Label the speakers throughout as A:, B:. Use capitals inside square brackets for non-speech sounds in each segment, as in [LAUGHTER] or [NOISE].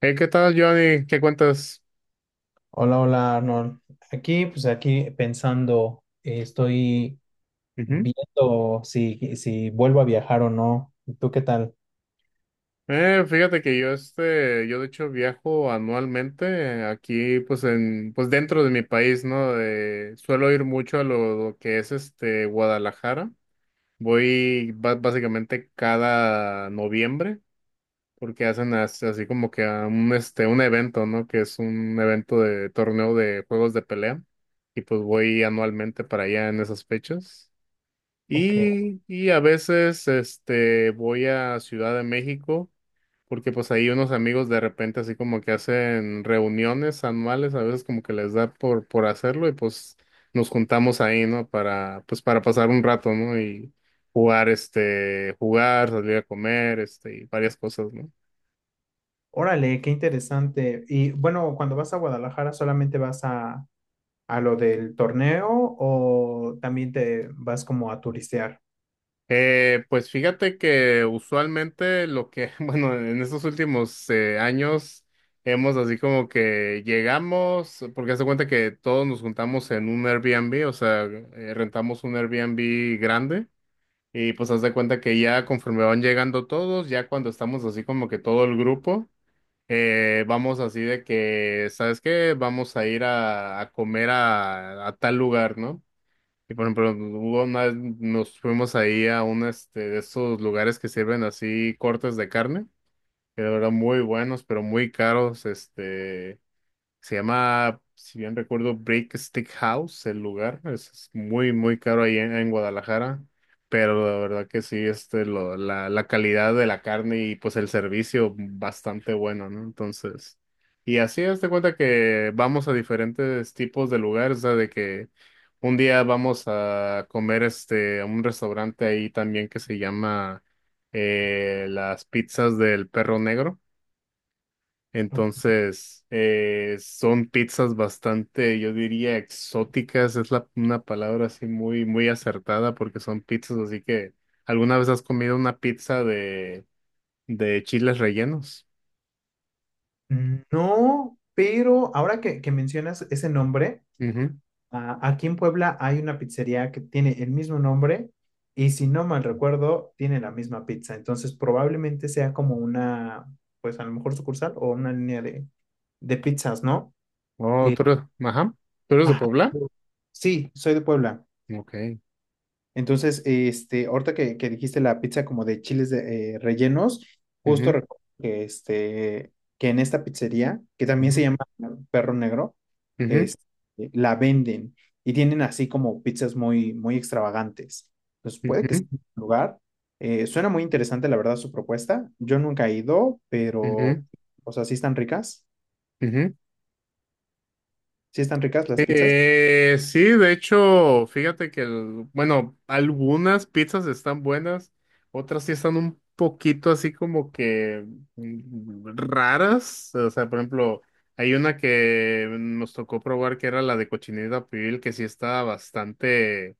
A: Hey, ¿qué tal, Johnny? ¿Qué cuentas?
B: Hola, hola Arnold. Aquí, pues aquí pensando, estoy
A: Ujú.
B: viendo si vuelvo a viajar o no. ¿Y tú qué tal?
A: Fíjate que yo de hecho viajo anualmente, aquí, pues dentro de mi país, ¿no? Suelo ir mucho a lo que es Guadalajara. Voy básicamente cada noviembre, porque hacen así, como que a un evento, ¿no? Que es un evento de torneo de juegos de pelea, y pues voy anualmente para allá en esas fechas.
B: Ok.
A: Y a veces voy a Ciudad de México, porque pues ahí unos amigos de repente así como que hacen reuniones anuales, a veces como que les da por hacerlo, y pues nos juntamos ahí, ¿no? Para pasar un rato, ¿no? Y jugar, salir a comer, y varias cosas, ¿no?
B: Órale, qué interesante. Y bueno, cuando vas a Guadalajara, ¿solamente vas a lo del torneo o también te vas como a turistear?
A: Pues fíjate que usualmente lo que, [LAUGHS] bueno, en estos últimos años hemos así como que llegamos, porque haz de cuenta que todos nos juntamos en un Airbnb, o sea, rentamos un Airbnb grande, y pues haz de cuenta que ya conforme van llegando todos, ya cuando estamos así como que todo el grupo, vamos así de que, ¿sabes qué? Vamos a ir a comer a tal lugar, ¿no? Y por ejemplo, hubo vez nos fuimos ahí a un de esos lugares que sirven así cortes de carne, que de verdad muy buenos, pero muy caros. Se llama, si bien recuerdo, Brick Stick House, el lugar. Es muy, muy caro ahí en Guadalajara. Pero la verdad que sí, la calidad de la carne y pues el servicio bastante bueno, ¿no? Entonces, y así hazte cuenta que vamos a diferentes tipos de lugares, o sea, de que un día vamos a comer a un restaurante ahí también que se llama, Las Pizzas del Perro Negro.
B: Ok.
A: Entonces, son pizzas bastante, yo diría, exóticas. Es una palabra así muy, muy acertada, porque son pizzas. Así que, ¿alguna vez has comido una pizza de chiles rellenos?
B: No, pero ahora que mencionas ese nombre.
A: Ujú.
B: Ah, aquí en Puebla hay una pizzería que tiene el mismo nombre y si no mal recuerdo, tiene la misma pizza. Entonces probablemente sea como una, pues a lo mejor sucursal o una línea de pizzas, ¿no?
A: Oh,
B: Eh,
A: ¿tú eres? Ajá. ¿Tú eres de
B: ajá.
A: Puebla?
B: Sí, soy de Puebla.
A: Ok.
B: Entonces, este, ahorita que dijiste la pizza como de chiles de, rellenos, justo
A: Ujú,
B: recuerdo que, este, que en esta pizzería, que también se
A: ujú,
B: llama Perro Negro,
A: ujú,
B: es, la venden y tienen así como pizzas muy, muy extravagantes. Entonces, puede que sea
A: ujú,
B: un lugar. Suena muy interesante, la verdad, su propuesta. Yo nunca he ido, pero,
A: ujú,
B: o sea, sí están ricas.
A: ujú.
B: Sí están ricas las pizzas.
A: Sí, de hecho, fíjate que, bueno, algunas pizzas están buenas, otras sí están un poquito así como que raras. O sea, por ejemplo, hay una que nos tocó probar que era la de cochinita pibil, que sí estaba bastante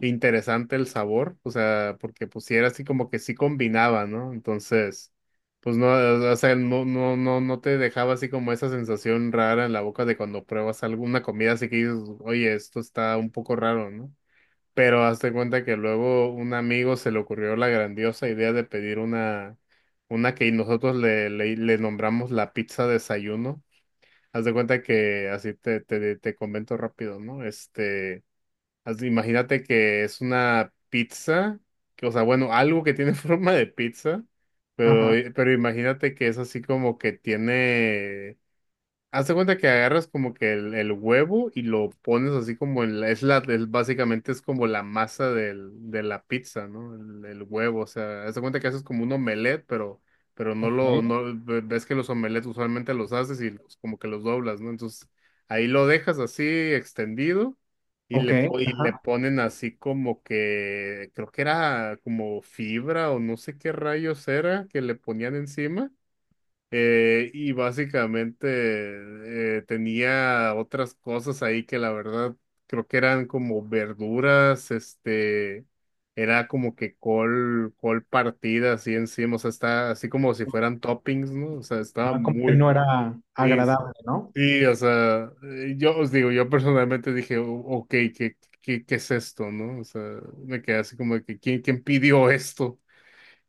A: interesante el sabor. O sea, porque pues sí era así como que sí combinaba, ¿no? Entonces, pues no, o sea, no, no, no, no te dejaba así como esa sensación rara en la boca de cuando pruebas alguna comida, así que dices, oye, esto está un poco raro, ¿no? Pero hazte cuenta que luego un amigo se le ocurrió la grandiosa idea de pedir una que nosotros le nombramos la pizza desayuno. Haz de cuenta que así te comento rápido, ¿no? Imagínate que es una pizza, que, o sea, bueno, algo que tiene [LAUGHS] forma de pizza, pero,
B: Ajá.
A: imagínate que es así como que tiene. Haz de cuenta que agarras como que el huevo y lo pones así como en la, es- básicamente es como la masa de la pizza, ¿no? El huevo, o sea, haz de cuenta que haces como un omelette, pero no
B: Ok.
A: lo, no, ve- ves que los omelettes usualmente los haces y como que los doblas, ¿no? Entonces, ahí lo dejas así extendido, y
B: Ok.
A: le
B: Ajá.
A: ponen así como que, creo que era como fibra o no sé qué rayos era que le ponían encima. Y básicamente tenía otras cosas ahí que la verdad creo que eran como verduras, era como que col partida así encima, o sea, está así como si fueran toppings, ¿no? O sea, estaba
B: Ah, como que
A: muy,
B: no era
A: sí, sí,
B: agradable, ¿no?
A: sí, o sea, yo os digo, yo personalmente dije, ok, ¿qué, qué es esto, no? O sea, me quedé así como de que, ¿quién pidió esto?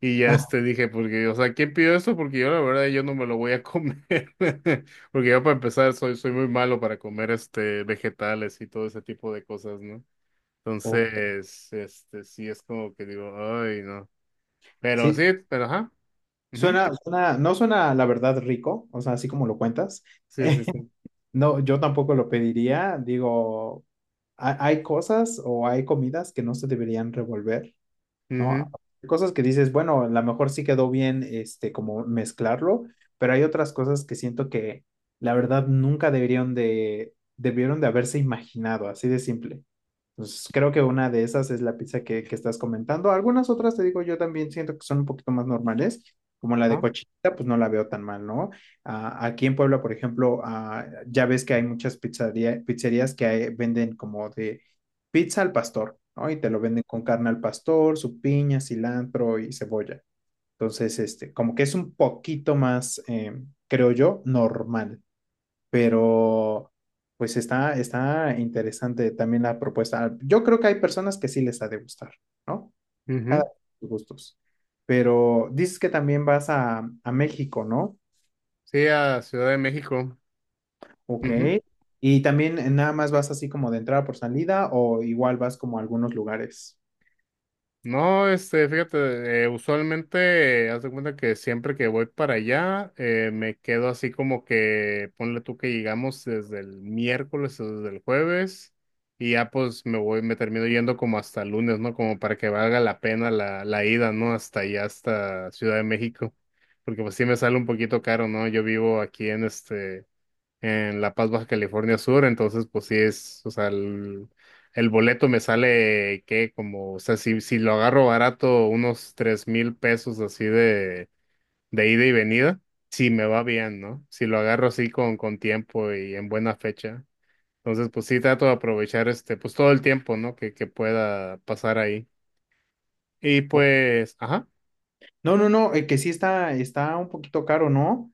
A: Y ya
B: Ah,
A: dije, porque, o sea, ¿quién pidió esto? Porque yo la verdad yo no me lo voy a comer." [LAUGHS] Porque yo para empezar soy muy malo para comer vegetales y todo ese tipo de cosas, ¿no?
B: ok.
A: Entonces, sí es como que digo, ay, no. Pero
B: Sí,
A: sí, pero ajá. Ujú.
B: suena, suena, no suena la verdad rico, o sea, así como lo cuentas. [LAUGHS]
A: Sí, sí,
B: Eh,
A: sí.
B: no, yo tampoco lo pediría. Digo, hay cosas o hay comidas que no se deberían revolver, ¿no?
A: Ujú.
B: Hay cosas que dices, bueno, a lo mejor sí quedó bien, este, como mezclarlo, pero hay otras cosas que siento que la verdad nunca deberían de, debieron de haberse imaginado, así de simple. Pues creo que una de esas es la pizza que estás comentando. Algunas otras, te digo, yo también siento que son un poquito más normales, como la de
A: Ajá.
B: cochinita, pues no la veo tan mal, ¿no? Ah, aquí en Puebla, por ejemplo, ah, ya ves que hay muchas pizzerías que venden como de pizza al pastor, ¿no? Y te lo venden con carne al pastor, su piña, cilantro y cebolla. Entonces, este, como que es un poquito más, creo yo, normal, pero pues está, está interesante también la propuesta. Yo creo que hay personas que sí les ha de gustar, ¿no? Cada
A: Ujú.
B: quien sus gustos. Pero dices que también vas a México, ¿no?
A: Sí, a Ciudad de México.
B: Ok.
A: Ujú.
B: Y también nada más vas así como de entrada por salida o igual vas como a algunos lugares.
A: No, fíjate, usualmente, haz de cuenta que siempre que voy para allá, me quedo así como que, ponle tú que llegamos desde el miércoles o desde el jueves, y ya pues me voy, me termino yendo como hasta el lunes, ¿no? Como para que valga la pena la ida, ¿no? Hasta allá, hasta Ciudad de México, porque pues sí me sale un poquito caro, ¿no? Yo vivo aquí en La Paz, Baja California Sur, entonces pues sí es, o sea, el boleto me sale que como, o sea, si lo agarro barato, unos 3,000 pesos así de ida y venida, si me va bien, ¿no? Si lo agarro así con tiempo y en buena fecha. Entonces, pues sí trato de aprovechar, pues todo el tiempo, ¿no? Que pueda pasar ahí. Y
B: O-
A: pues, ajá.
B: No, no, no, que sí está, está un poquito caro, ¿no?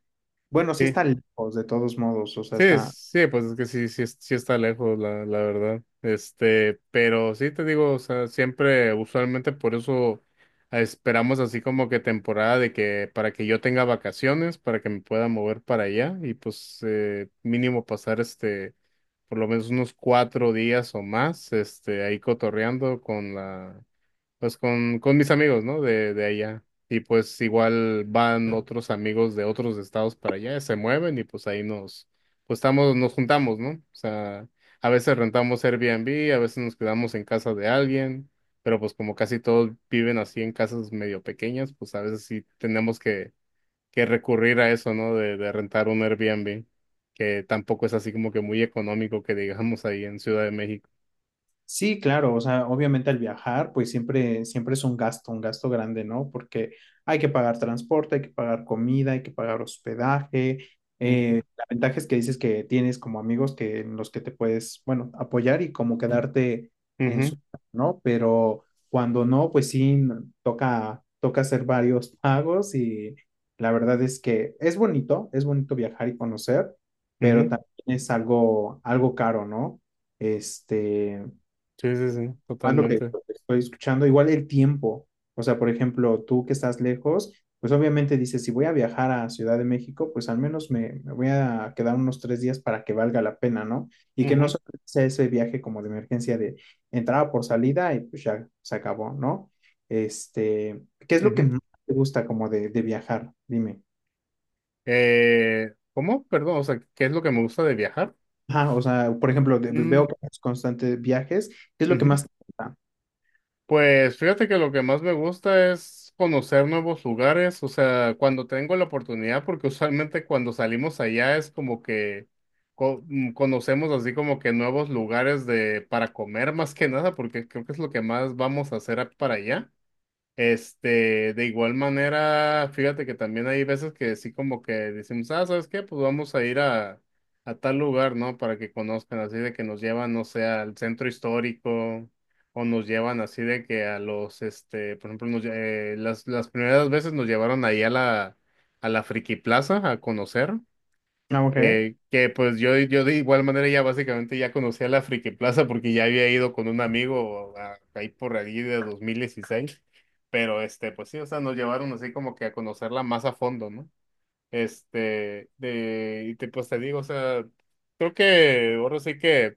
B: Bueno, sí
A: Sí.
B: está lejos de todos modos, o sea, está...
A: Sí, pues es que sí, sí está lejos, la verdad. Pero sí te digo, o sea, siempre, usualmente por eso esperamos así como que temporada de que para que yo tenga vacaciones, para que me pueda mover para allá, y pues mínimo pasar, por lo menos unos 4 días o más, ahí cotorreando con la, pues con mis amigos, ¿no? De allá. Y pues igual van otros amigos de otros estados para allá, se mueven, y pues ahí nos, pues estamos, nos juntamos, ¿no? O sea, a veces rentamos Airbnb, a veces nos quedamos en casa de alguien, pero pues como casi todos viven así en casas medio pequeñas, pues a veces sí tenemos que recurrir a eso, ¿no? De rentar un Airbnb, que tampoco es así como que muy económico que digamos ahí en Ciudad de México.
B: Sí, claro, o sea, obviamente al viajar, pues siempre, siempre es un gasto grande, ¿no? Porque hay que pagar transporte, hay que pagar comida, hay que pagar hospedaje.
A: Ujú,
B: La ventaja es que dices que tienes como amigos que, en los que te puedes, bueno, apoyar y como quedarte en
A: ujú,
B: su casa, ¿no? Pero cuando no, pues sí, toca, toca hacer varios pagos y la verdad es que es bonito viajar y conocer, pero
A: ujú.
B: también es algo, algo caro, ¿no? Este,
A: Sí, sí, sí,
B: más lo que
A: totalmente.
B: lo que estoy escuchando, igual el tiempo. O sea, por ejemplo, tú que estás lejos, pues obviamente dices, si voy a viajar a Ciudad de México, pues al menos me voy a quedar unos 3 días para que valga la pena, ¿no? Y que no
A: Ujú,
B: solo sea ese viaje como de emergencia de entrada por salida y pues ya se acabó, ¿no? Este, ¿qué es lo que
A: ujú.
B: más te gusta como de viajar? Dime.
A: ¿Cómo? Perdón, o sea, ¿qué es lo que me gusta de viajar?
B: Ajá, o sea, por ejemplo, veo
A: Mm,
B: que haces constantes viajes, ¿qué es lo que
A: ujú.
B: más te gusta?
A: Pues fíjate que lo que más me gusta es conocer nuevos lugares, o sea, cuando tengo la oportunidad, porque usualmente cuando salimos allá es como que conocemos así como que nuevos lugares de para comer más que nada, porque creo que es lo que más vamos a hacer para allá. De igual manera, fíjate que también hay veces que sí como que decimos, ah, ¿sabes qué? Pues vamos a ir a tal lugar, ¿no? Para que conozcan, así de que nos llevan, no sé, al centro histórico, o nos llevan así de que por ejemplo, las primeras veces nos llevaron ahí a la Friki Plaza a conocer.
B: Ah, ok.
A: Que pues yo de igual manera ya básicamente ya conocía la Friki Plaza, porque ya había ido con un amigo ahí por allí de 2016, pero pues sí, o sea, nos llevaron así como que a conocerla más a fondo, ¿no? Pues te digo, o sea, creo que ahora sí que.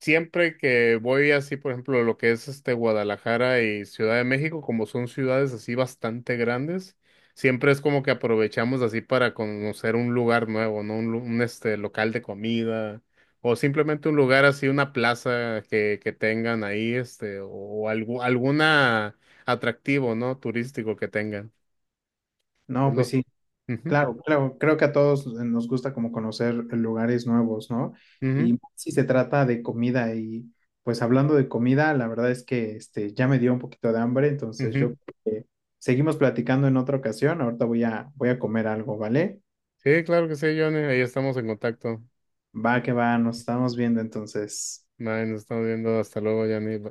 A: Siempre que voy así, por ejemplo, lo que es Guadalajara y Ciudad de México, como son ciudades así bastante grandes, siempre es como que aprovechamos así para conocer un lugar nuevo, ¿no? Este local de comida, o simplemente un lugar así, una plaza que tengan ahí, o, algo, alguna atractivo, ¿no? Turístico que tengan. Es
B: No, pues
A: lo.
B: sí.
A: Ujú,
B: Claro, claro, creo que a todos nos gusta como conocer lugares nuevos, ¿no? Y
A: ujú,
B: más si se trata de comida y pues hablando de comida, la verdad es que este ya me dio un poquito de hambre, entonces yo
A: ujú.
B: creo que seguimos platicando en otra ocasión. Ahorita voy a comer algo, ¿vale?
A: Sí, claro que sí, Johnny. Ahí estamos en contacto.
B: Va que va, nos estamos viendo entonces.
A: Bueno, nos estamos viendo. Hasta luego, Johnny.